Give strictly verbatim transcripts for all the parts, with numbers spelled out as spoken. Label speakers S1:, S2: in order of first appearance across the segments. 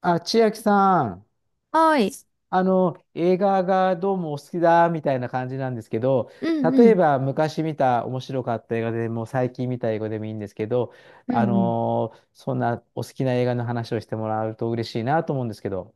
S1: あ、千秋さん、
S2: はい。
S1: あの、映画がどうもお好きだみたいな感じなんですけど、
S2: うん
S1: 例
S2: う
S1: え
S2: ん。
S1: ば昔見た面白かった映画でも最近見た映画でもいいんですけど、
S2: う
S1: あ
S2: んうん。
S1: のーそんなお好きな映画の話をしてもらうと嬉しいなと思うんですけど。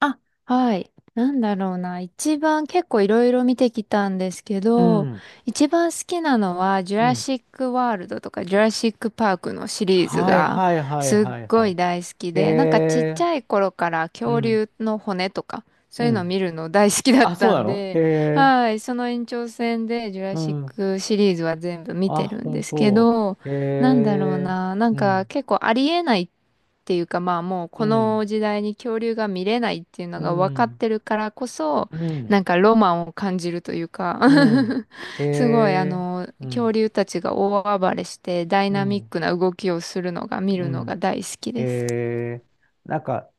S2: あ、はい。なんだろうな。一番結構いろいろ見てきたんですけ
S1: う
S2: ど、
S1: ん、
S2: 一番好きなのは、ジュ
S1: う
S2: ラ
S1: ん。
S2: シック・ワールドとか、ジュラシック・パークのシリーズ
S1: はい
S2: が
S1: はいはい
S2: すっ
S1: はいは
S2: ごい
S1: い。
S2: 大好き
S1: へ
S2: で、なんかちっち
S1: え、
S2: ゃい頃から
S1: う
S2: 恐
S1: ん、
S2: 竜の骨とか、そ
S1: う
S2: ういうのを
S1: ん。
S2: 見るの大好きだっ
S1: あ、そう
S2: た
S1: な
S2: ん
S1: のへ
S2: で、
S1: え、
S2: はい。その延長線で、ジュラ
S1: う
S2: シッ
S1: ん。
S2: クシリーズは全部見
S1: あ、
S2: てるんで
S1: 本
S2: すけ
S1: 当。
S2: ど、
S1: へ
S2: なんだろう
S1: え、
S2: な。なん
S1: う
S2: か
S1: ん、
S2: 結構ありえないっていうかまあもう
S1: う
S2: こ
S1: ん、
S2: の時代に恐竜が見れないっていうの
S1: う
S2: が分かっ
S1: ん、
S2: てるからこそ
S1: う
S2: な
S1: ん。
S2: んかロマンを感じるというか
S1: うん。へ
S2: すごいあ
S1: え。
S2: の
S1: う
S2: 恐
S1: ん。
S2: 竜たちが大暴れしてダイ
S1: う
S2: ナミッ
S1: ん。
S2: クな動きをするのが見
S1: う
S2: るのが
S1: ん。
S2: 大好き
S1: へ
S2: です。
S1: え。なんか、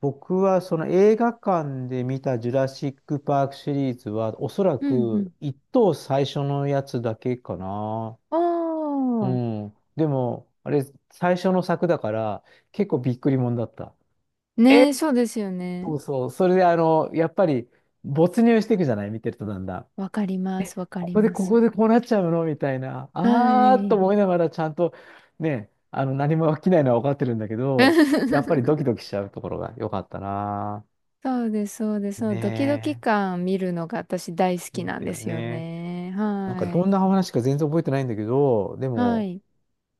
S1: 僕はその映画館で見たジュラシック・パークシリーズは、おそら
S2: う
S1: く
S2: ん
S1: 一等最初のやつだけかな。
S2: う
S1: う
S2: んおー。
S1: ん。でも、あれ、最初の作だから、結構びっくりもんだった。え
S2: ねえ、そうですよね。
S1: そうそう。それで、あの、やっぱり、没入していくじゃない、見てると、だんだん。
S2: わかります、わか
S1: こ
S2: り
S1: こで
S2: ま
S1: ここ
S2: す。
S1: でこうなっちゃうのみたいな、
S2: は
S1: あーっと
S2: い。
S1: 思いながらちゃんと、ね、あの何も起きないのは分かってるんだけど、やっぱりドキ ドキしちゃうところが良かったな。
S2: そうです、そうです。そのドキドキ
S1: ね
S2: 感見るのが私大好
S1: え。そ
S2: き
S1: う
S2: なん
S1: だ
S2: で
S1: よ
S2: すよ
S1: ね。
S2: ね。
S1: なんか
S2: は
S1: どんな
S2: い。
S1: 話か全然覚えてないんだけど、で
S2: は
S1: も、
S2: い。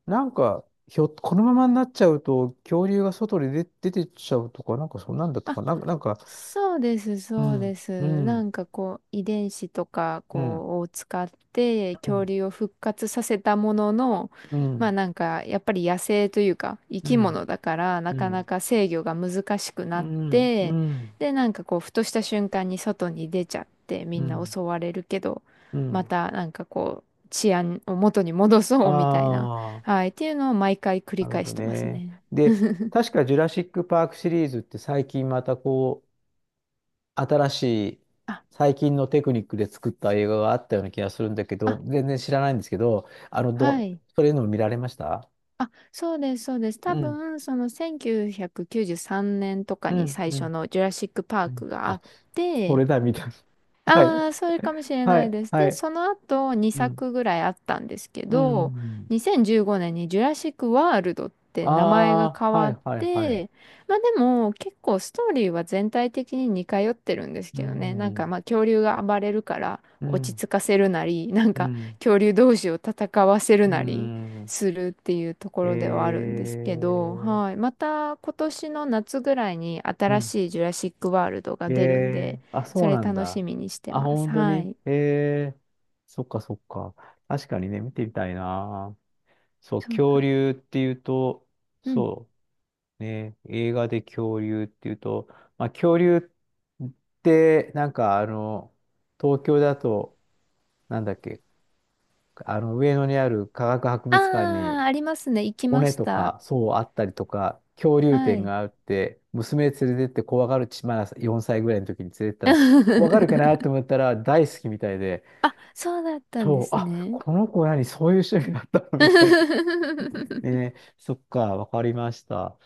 S1: なんか、ひょ、このままになっちゃうと、恐竜が外に出、出てっちゃうとか、なんかそんなんだとか、
S2: あ、
S1: なんか、なんか、
S2: そうです、
S1: う
S2: そうで
S1: ん、う
S2: す。な
S1: ん、
S2: んかこう、遺伝子とか
S1: うん、
S2: こうを使って
S1: う
S2: 恐
S1: ん、
S2: 竜を復活させたものの、
S1: う
S2: まあ
S1: ん、
S2: なんかやっぱり野生というか生
S1: う
S2: き
S1: ん、
S2: 物だからな
S1: うん、
S2: か
S1: う
S2: な
S1: ん、
S2: か制御が難しく
S1: う
S2: なっ
S1: ん、う
S2: て、
S1: ん、
S2: でなんかこう、ふとした瞬間に外に出ちゃってみ
S1: う
S2: んな
S1: ん。
S2: 襲われるけど、
S1: う
S2: ま
S1: ん、
S2: たなんかこう、治安を元に戻そうみたいな、
S1: ああ、
S2: はい、っていうのを毎回繰り
S1: なるほ
S2: 返し
S1: ど
S2: てます
S1: ね。
S2: ね。
S1: で、確かジュラシック・パークシリーズって最近またこう、新しい、
S2: あ、
S1: 最近のテクニックで作った映画があったような気がするんだけど、
S2: あ、
S1: 全然知らないんですけど、あの、
S2: は
S1: ど、
S2: い。
S1: それの見られました。
S2: あ、そうです、そうです。多
S1: うん、
S2: 分、そのせんきゅうひゃくきゅうじゅうさんねんとか
S1: う
S2: に
S1: ん、
S2: 最
S1: う
S2: 初
S1: ん、
S2: のジュラシック・パー
S1: うん。
S2: クがあ
S1: あ、
S2: っ
S1: そ
S2: て、
S1: れだ、みたいな。はい、
S2: ああ、それかもしれ
S1: は
S2: ない
S1: い、
S2: です。
S1: は
S2: で、
S1: い。
S2: その後
S1: う
S2: 2
S1: ん、
S2: 作ぐらいあったんですけ
S1: う
S2: ど、
S1: ん。
S2: にせんじゅうごねんにジュラシック・ワールドって名前が
S1: あ
S2: 変
S1: あ、は
S2: わっ
S1: い、はい、はい。
S2: て、まあでも結構ストーリーは全体的に似通ってるんです
S1: う
S2: けどね。
S1: ん、う
S2: なんか
S1: ん、
S2: まあ恐竜が暴れるから落ち着かせるなり、なん
S1: う
S2: か
S1: ん、
S2: 恐竜同士を戦わせる
S1: う
S2: なり
S1: ん。
S2: するっていうとこ
S1: え
S2: ろではあるんですけど、
S1: ー、
S2: はい。また今年の夏ぐらいに
S1: う
S2: 新
S1: ん、
S2: しいジュラシック・ワールドが
S1: え
S2: 出るんで、
S1: え、あ、そ
S2: そ
S1: う
S2: れ
S1: なん
S2: 楽
S1: だ。
S2: しみにして
S1: あ、
S2: ます。
S1: 本当
S2: は
S1: に。
S2: い。
S1: ええ、そっかそっか。確かにね、見てみたいな。そう、
S2: そうな。
S1: 恐竜っていうと、
S2: うん。
S1: そう、ね、映画で恐竜っていうと、まあ、恐竜って、なんかあの、東京だと、なんだっけ、あの、上野にある科学博
S2: あ
S1: 物館に、
S2: あ、ありますね。行きま
S1: 骨
S2: し
S1: と
S2: た。
S1: か、そうあったりとか、恐竜
S2: は
S1: 展
S2: い。
S1: があって、娘連れてって、怖がるち、まだよんさいぐらいの時に連れてったら、怖がるかなと 思ったら大好きみたいで、
S2: あ、そうだったんで
S1: そう、
S2: す
S1: あ、
S2: ね。
S1: この子何、そういう趣味だったの みたいな。ね、そっか、わかりました。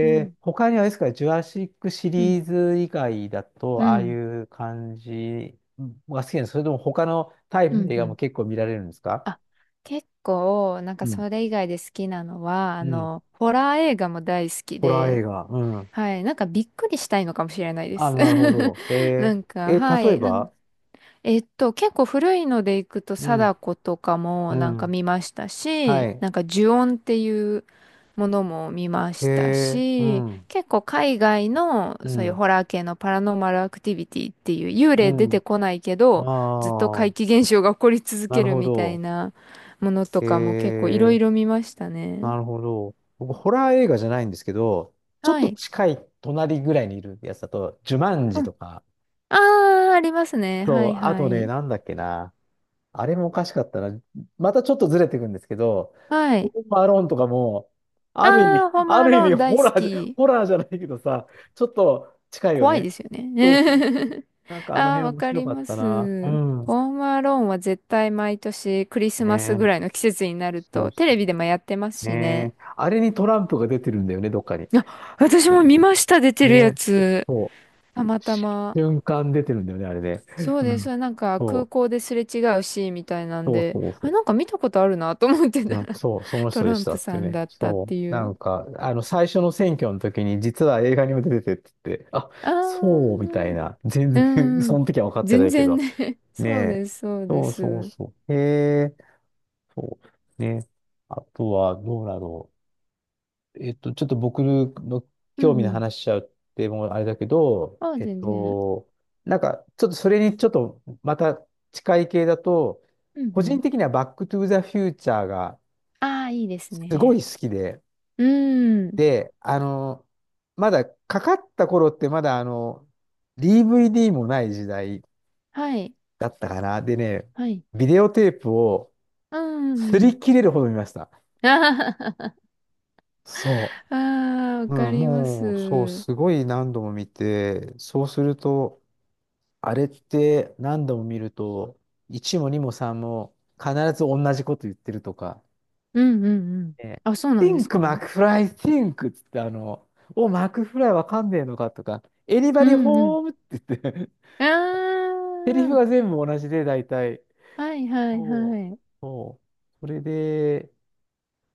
S2: う
S1: ー、
S2: ん。
S1: 他にはあれですか、ジュラシックシ
S2: うん。
S1: リーズ以外だと、
S2: う
S1: ああい
S2: ん。
S1: う感じが好きなんですか。それとも他のタイプ
S2: う
S1: の
S2: ん。
S1: 映
S2: う
S1: 画も
S2: ん
S1: 結構見られるんですか。
S2: あ、結構、なん
S1: う
S2: か
S1: ん、
S2: それ以外で好きなのは、あ
S1: うん。
S2: の、ホラー映画も大好き
S1: ホラー映
S2: で、
S1: 画。うん。
S2: はい。なんかびっくりしたいのかもしれないで
S1: あ、
S2: す。
S1: なるほ ど。え
S2: なん
S1: ー、
S2: か、
S1: え、
S2: は
S1: 例え
S2: い。なん
S1: ば。
S2: えっと、結構古いのでいくと、
S1: うん、
S2: 貞子とかも
S1: う
S2: なんか
S1: ん、
S2: 見ました
S1: は
S2: し、
S1: い。
S2: なんか呪怨っていうものも見ました
S1: えー、う
S2: し、
S1: ん、
S2: 結構海外の
S1: う
S2: そういう
S1: ん、
S2: ホラー系のパラノーマルアクティビティっていう幽霊出て
S1: う
S2: こないけ
S1: ん。あ
S2: ど、ずっと怪奇
S1: あ、
S2: 現象が起こり続
S1: な
S2: け
S1: る
S2: る
S1: ほ
S2: みたい
S1: ど。
S2: なものと
S1: え
S2: かも結構いろい
S1: ー、
S2: ろ見ましたね。
S1: なるほど。僕、ホラー映画じゃないんですけど、ちょっ
S2: は
S1: と
S2: い。
S1: 近い隣ぐらいにいるやつだと、ジュマンジ
S2: うん。
S1: とか、
S2: ああ、ありますね。は
S1: そう、
S2: い
S1: あ
S2: は
S1: とね、
S2: い。
S1: なんだっけな。あれもおかしかったな。またちょっとずれていくんですけど、
S2: は
S1: ホー
S2: い。
S1: ムアローンとかも、ある意
S2: あ
S1: 味、
S2: あ、ホーム
S1: あ
S2: ア
S1: る意
S2: ロー
S1: 味
S2: ン大
S1: ホ
S2: 好
S1: ラーじゃ、
S2: き。
S1: ホラーじゃないけどさ、ちょっと近いよ
S2: 怖い
S1: ね。
S2: ですよ
S1: そうそう。
S2: ね。
S1: なん かあの
S2: ああ、
S1: 辺
S2: わ
S1: 面
S2: か
S1: 白
S2: り
S1: かっ
S2: ま
S1: たな。う
S2: す。
S1: ん。
S2: ホームアローンは絶対毎年クリス
S1: ね
S2: マスぐ
S1: え。
S2: らいの季節になる
S1: そ
S2: と
S1: うそ
S2: テレビでもやってます
S1: う。
S2: しね。
S1: ねえ。あれにトランプが出てるんだよね、どっかに。
S2: あ、私も見ました、出て
S1: ね
S2: るや
S1: え。
S2: つ。
S1: そ
S2: たまたま。
S1: う。瞬間出てるんだよね、あれね。
S2: そう
S1: う
S2: で
S1: ん。
S2: す。なんか空
S1: そう。
S2: 港ですれ違うシーンみたいなん
S1: そう
S2: で、
S1: そうそ
S2: あ、
S1: う。
S2: なんか見たことあるなと思って
S1: う
S2: た
S1: ん、
S2: ら
S1: そう、その
S2: ト
S1: 人で
S2: ラ
S1: し
S2: ン
S1: た
S2: プ
S1: ってい
S2: さ
S1: う
S2: ん
S1: ね。
S2: だったっ
S1: そう。
S2: てい
S1: な
S2: う。
S1: んか、あの、最初の選挙の時に、実は映画にも出ててって言って、あ、
S2: あ
S1: そう、みたい
S2: あ、
S1: な。全
S2: う
S1: 然 そ
S2: ん。
S1: の時は分かってな
S2: 全
S1: いけ
S2: 然
S1: ど。
S2: ね。
S1: ね
S2: そうで
S1: え。
S2: す、そうで
S1: そう
S2: す。う
S1: そう
S2: ん
S1: そう。へえ、そう。ね。あとは、どうだろう。えっと、ちょっと僕の
S2: う
S1: 興味の
S2: ん。
S1: 話しちゃうって、もうあれだけど、
S2: ああ、
S1: えっ
S2: 全然。
S1: と、なんか、ちょっとそれにちょっと、また近い系だと、
S2: うん
S1: 個
S2: う
S1: 人
S2: ん。
S1: 的にはバックトゥーザフューチャーが
S2: ああ、いいです
S1: すご
S2: ね。
S1: い好きで、
S2: うーん。
S1: で、あの、まだかかった頃ってまだあの、ディーブイディー もない時代
S2: はい。
S1: だったかな。でね、
S2: はい。
S1: ビデオテープを
S2: うーん。
S1: 擦
S2: うん
S1: り切れるほど見ました。
S2: あ
S1: そ
S2: あ、あーわ
S1: う。
S2: か
S1: うん、
S2: ります。
S1: もう、そう、
S2: うん
S1: すごい何度も見て、そうすると、あれって何度も見ると、いちもにもさんも必ず同じこと言ってるとか、
S2: うんうん。
S1: ね、
S2: あ、そうなんです
S1: Think, マ
S2: か。
S1: クフライ Think っつって、あの、お、マクフライわかんねえのかとか、
S2: う
S1: Anybody
S2: んうん。
S1: home? って言って、
S2: あ
S1: セリフが全部同じで、大体。
S2: あ、はいは
S1: た
S2: いは
S1: う
S2: い。
S1: そう。それで、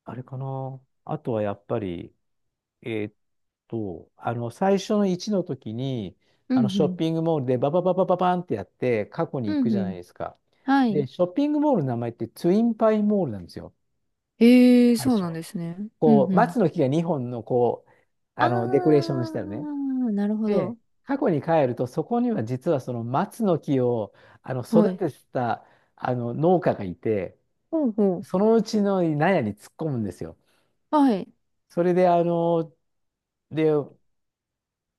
S1: あれかな。あとはやっぱり、えーっと、あの、最初のいちの時に、
S2: う
S1: あ
S2: んう
S1: の、ショッ
S2: ん。
S1: ピングモールでババババババンってやって、過去に行
S2: う
S1: く
S2: んう
S1: じゃない
S2: ん。
S1: ですか。
S2: は
S1: で、
S2: い。
S1: ショッピングモールの名前ってツインパイモールなんですよ、
S2: ええ、
S1: 最
S2: そう
S1: 初。
S2: なんですね。う
S1: こ
S2: ん
S1: う、
S2: うん。
S1: 松の木がにほんの、こう、あの、デコレーシ
S2: あ
S1: ョンしたよね。
S2: あ、なるほ
S1: で、
S2: ど。
S1: 過去に帰ると、そこには実はその松の木をあの
S2: は
S1: 育
S2: い。
S1: ててたあの農家がいて、
S2: ほうほ
S1: そのうちの納屋に突っ込むんですよ。
S2: う。はい。
S1: それで、あの、で、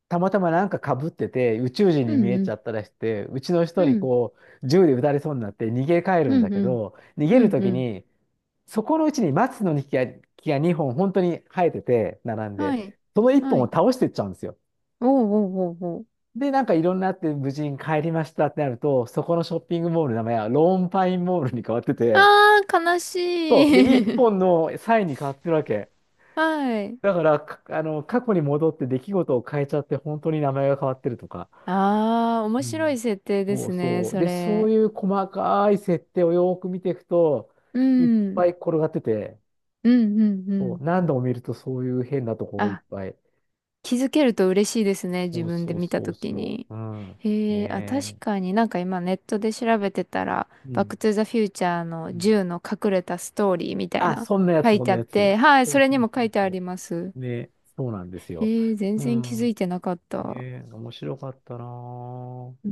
S1: たまたまなんかかぶってて、宇宙人に
S2: う
S1: 見
S2: ん
S1: え
S2: う
S1: ち
S2: ん。
S1: ゃったらして、うちの人
S2: う
S1: に
S2: ん。
S1: こう、銃で撃たれそうになって逃げ帰る
S2: う
S1: んだ
S2: んう
S1: け
S2: ん。
S1: ど、逃げ
S2: う
S1: る
S2: ん
S1: と
S2: う
S1: き
S2: ん。
S1: に、そこのうちに松の木が、木がにほん本当に生えてて、並ん
S2: は
S1: で、
S2: い。
S1: その1
S2: は
S1: 本を
S2: い。
S1: 倒してっちゃうんですよ。
S2: うおうおうおう。
S1: で、なんかいろんなあって無事に帰りましたってなると、そこのショッピングモールの名前はローンパインモールに変わってて、
S2: ああ悲し
S1: そう。で、一
S2: い。
S1: 本のサインに変わってるわけ。
S2: はい。
S1: だから、かあの、過去に戻って出来事を変えちゃって、本当に名前が変わってるとか。
S2: ああ面
S1: う
S2: 白
S1: ん。
S2: い設定で
S1: そう
S2: すね、
S1: そう。
S2: そ
S1: で、そう
S2: れ。
S1: いう細かい設定をよーく見ていくと、
S2: う
S1: いっ
S2: ん。
S1: ぱい転がってて、
S2: うん、うん、う
S1: そう。
S2: ん。
S1: 何度も見るとそういう変なところいっ
S2: あ、
S1: ぱい。
S2: 気づけると嬉しいですね、自
S1: そう
S2: 分で
S1: そう
S2: 見た
S1: そ
S2: と
S1: う
S2: き
S1: そ
S2: に。
S1: う。うん。ね
S2: へえ、あ、確
S1: え。
S2: かになんか今ネットで調べてたら、
S1: う
S2: バック
S1: ん。
S2: トゥザフューチャー
S1: う
S2: の
S1: ん、
S2: 銃の隠れたストーリーみたい
S1: あ、
S2: な
S1: そんなや
S2: 書
S1: つ、
S2: い
S1: そん
S2: てあ
S1: な
S2: っ
S1: やつ。
S2: て、はい、
S1: そ
S2: そ
S1: う
S2: れ
S1: そ
S2: に
S1: う
S2: も
S1: そ
S2: 書
S1: う
S2: いてあ
S1: そ
S2: ります。
S1: う。ね、そうなんですよ。
S2: へえ、全
S1: う
S2: 然気づ
S1: ん。
S2: いてなかった。
S1: ね、面白かったなぁ。
S2: うー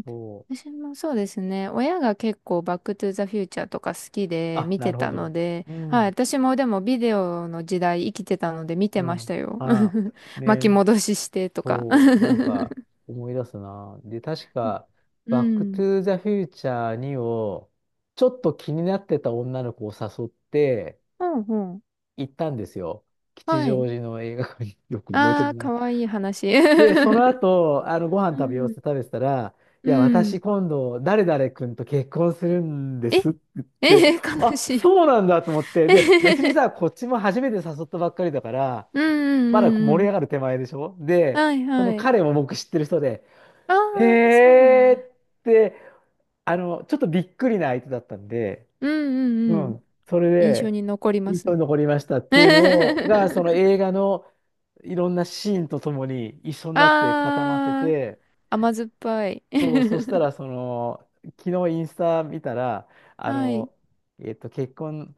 S2: ん、
S1: そう。
S2: 私もそうですね。親が結構バックトゥザフューチャーとか好きで
S1: あ、
S2: 見
S1: な
S2: て
S1: るほ
S2: たの
S1: ど。
S2: で、
S1: う
S2: はい、
S1: ん、
S2: 私もでもビデオの時代生きてたので見て
S1: う
S2: まし
S1: ん。
S2: たよ。
S1: あ、
S2: 巻き
S1: ね、
S2: 戻ししてとか。
S1: そう。なんか、思い出すなぁ。で、確か、
S2: う
S1: バックト
S2: ん。
S1: ゥーザフューチャーツーを、ちょっと気になってた女の子を誘って、
S2: ほうほ
S1: 行ったんですよ、
S2: う。
S1: 吉
S2: は
S1: 祥
S2: い。
S1: 寺の映画館に。 よく覚えて
S2: あ
S1: る
S2: あ、
S1: な。
S2: かわいい話。
S1: で、そ の後、あの、ご飯
S2: う
S1: 食べようって
S2: ん。
S1: 食べてたら、い
S2: う
S1: や、
S2: ん。
S1: 私今度、誰々君と結婚するんで
S2: え
S1: すって言っ
S2: え
S1: て、
S2: え悲
S1: あ、
S2: しい。
S1: そうなんだと思っ て、
S2: え
S1: で、
S2: へへ
S1: 別に
S2: へ
S1: さ、こっちも初めて誘ったばっかりだから、
S2: うんうん
S1: まだ
S2: うんう
S1: 盛り
S2: ん。
S1: 上がる手前でしょ、で、
S2: はい
S1: そ
S2: は
S1: の
S2: い。
S1: 彼も僕知ってる人で、
S2: あ
S1: へ
S2: あ、そうなん
S1: えー
S2: だ。
S1: って、あの、ちょっとびっくりな相手だったんで、
S2: うんう
S1: う
S2: んうん。
S1: ん、それ
S2: 印象
S1: で、
S2: に残りま
S1: 印
S2: す
S1: 象
S2: ね。
S1: に残りましたっていうのをが、その 映画のいろんなシーンとともに一緒になって固まって
S2: あー、
S1: て、
S2: 甘酸っぱい。
S1: そう、そしたら、その、昨日インスタ見たら、あ
S2: はい。
S1: の、えっと、結婚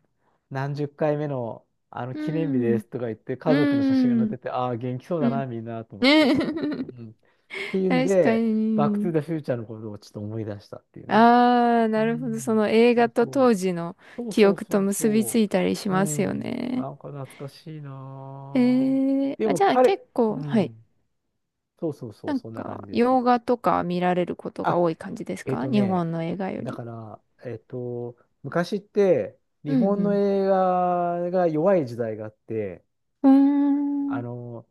S1: 何十回目の、あの、
S2: う
S1: 記念日で
S2: ん。
S1: すとか言って、
S2: う
S1: 家族の写真が載っ
S2: ん。
S1: てて、ああ、元気そう
S2: う
S1: だ
S2: ん。
S1: な、みんな、と思って。
S2: ね。
S1: う ん。っていうん
S2: 確か
S1: で、バックトゥ
S2: に。
S1: ザフューチャーのことをちょっと思い出したっていうね。
S2: あー、
S1: う
S2: なるほど。そ
S1: ん。
S2: の映
S1: そ
S2: 画
S1: う
S2: と
S1: そ
S2: 当時の
S1: う。そう
S2: 記
S1: そう
S2: 憶
S1: そ
S2: と
S1: う
S2: 結びつ
S1: そ
S2: いたりし
S1: う。う
S2: ますよ
S1: ん。
S2: ね。
S1: なんか懐かしい
S2: え
S1: なぁ。
S2: ー、
S1: で
S2: あ、
S1: も
S2: じゃあ
S1: 彼、
S2: 結構、
S1: う
S2: はい。
S1: ん。そうそうそ
S2: な
S1: う、
S2: ん
S1: そんな感
S2: か、
S1: じです。
S2: 洋画とか見られることが
S1: あ、
S2: 多い感じです
S1: えっ
S2: か、
S1: と
S2: 日
S1: ね、
S2: 本の映画よ
S1: だ
S2: り？
S1: から、えっと、昔って日
S2: う
S1: 本の
S2: ん
S1: 映画が弱い時代があって、
S2: うん。うー
S1: あ
S2: ん。
S1: の、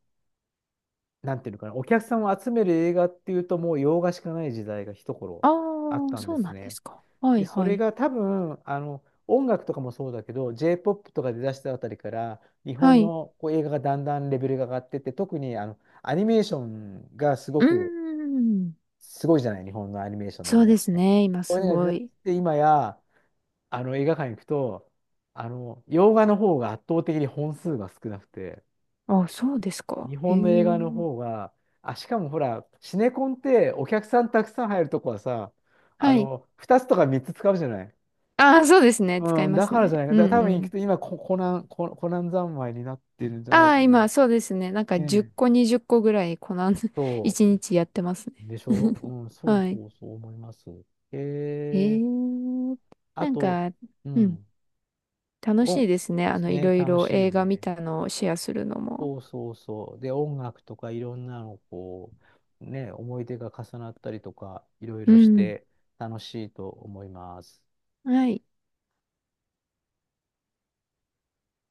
S1: なんていうのかな、お客さんを集める映画っていうともう洋画しかない時代が一頃
S2: あ
S1: あっ
S2: あ、
S1: たんで
S2: そう
S1: す
S2: なんで
S1: ね。
S2: すか。は
S1: で、
S2: い
S1: そ
S2: は
S1: れ
S2: い。
S1: が多分、あの、音楽とかもそうだけど、J-ポップ とか出だしたあたりから、日
S2: は
S1: 本
S2: い。
S1: のこう映画がだんだんレベルが上がってって、特にあの、アニメーションがすご
S2: うー
S1: く、
S2: ん。
S1: すごいじゃない、日本のアニメーションの
S2: そ
S1: 映
S2: う
S1: 画っ
S2: です
S1: て。
S2: ね。今
S1: こうい
S2: す
S1: うのが出
S2: ご
S1: だし
S2: い。
S1: て、今や、あの映画館行くと、あの、洋画の方が圧倒的に本数が少なくて、
S2: あ、そうですか。
S1: 日
S2: へ
S1: 本の映画の
S2: え。
S1: 方が、あ、しかもほら、シネコンってお客さんたくさん入るとこはさ、あ
S2: はい。
S1: の、ふたつとかみっつ使うじゃない。
S2: ああ、そうですね。使い
S1: うん、
S2: ま
S1: だ
S2: す
S1: から
S2: ね。
S1: じゃないか。
S2: うん
S1: だから多
S2: う
S1: 分行くと、
S2: ん。
S1: 今コ、コナン、コ、コナン三昧になってるんじゃな
S2: あ
S1: いか
S2: あ、
S1: な。ね
S2: 今、そうですね。なんか10
S1: え。
S2: 個、にじゅっこぐらい、この
S1: そ
S2: いちにちやってますね。
S1: う。でし ょ。うん、そう
S2: はい。
S1: そうそう思います。
S2: へ
S1: えー、
S2: え。
S1: あ
S2: なん
S1: と、
S2: か、
S1: う
S2: うん。
S1: ん、
S2: 楽しい
S1: お、
S2: ですね。あの、い
S1: ね、
S2: ろい
S1: 楽
S2: ろ
S1: しいよ
S2: 映画見
S1: ね。
S2: たのをシェアするのも。
S1: そうそうそう。で、音楽とかいろんなの、こう、ね、思い出が重なったりとか、いろい
S2: う
S1: ろし
S2: ん。
S1: て楽しいと思います。
S2: はい。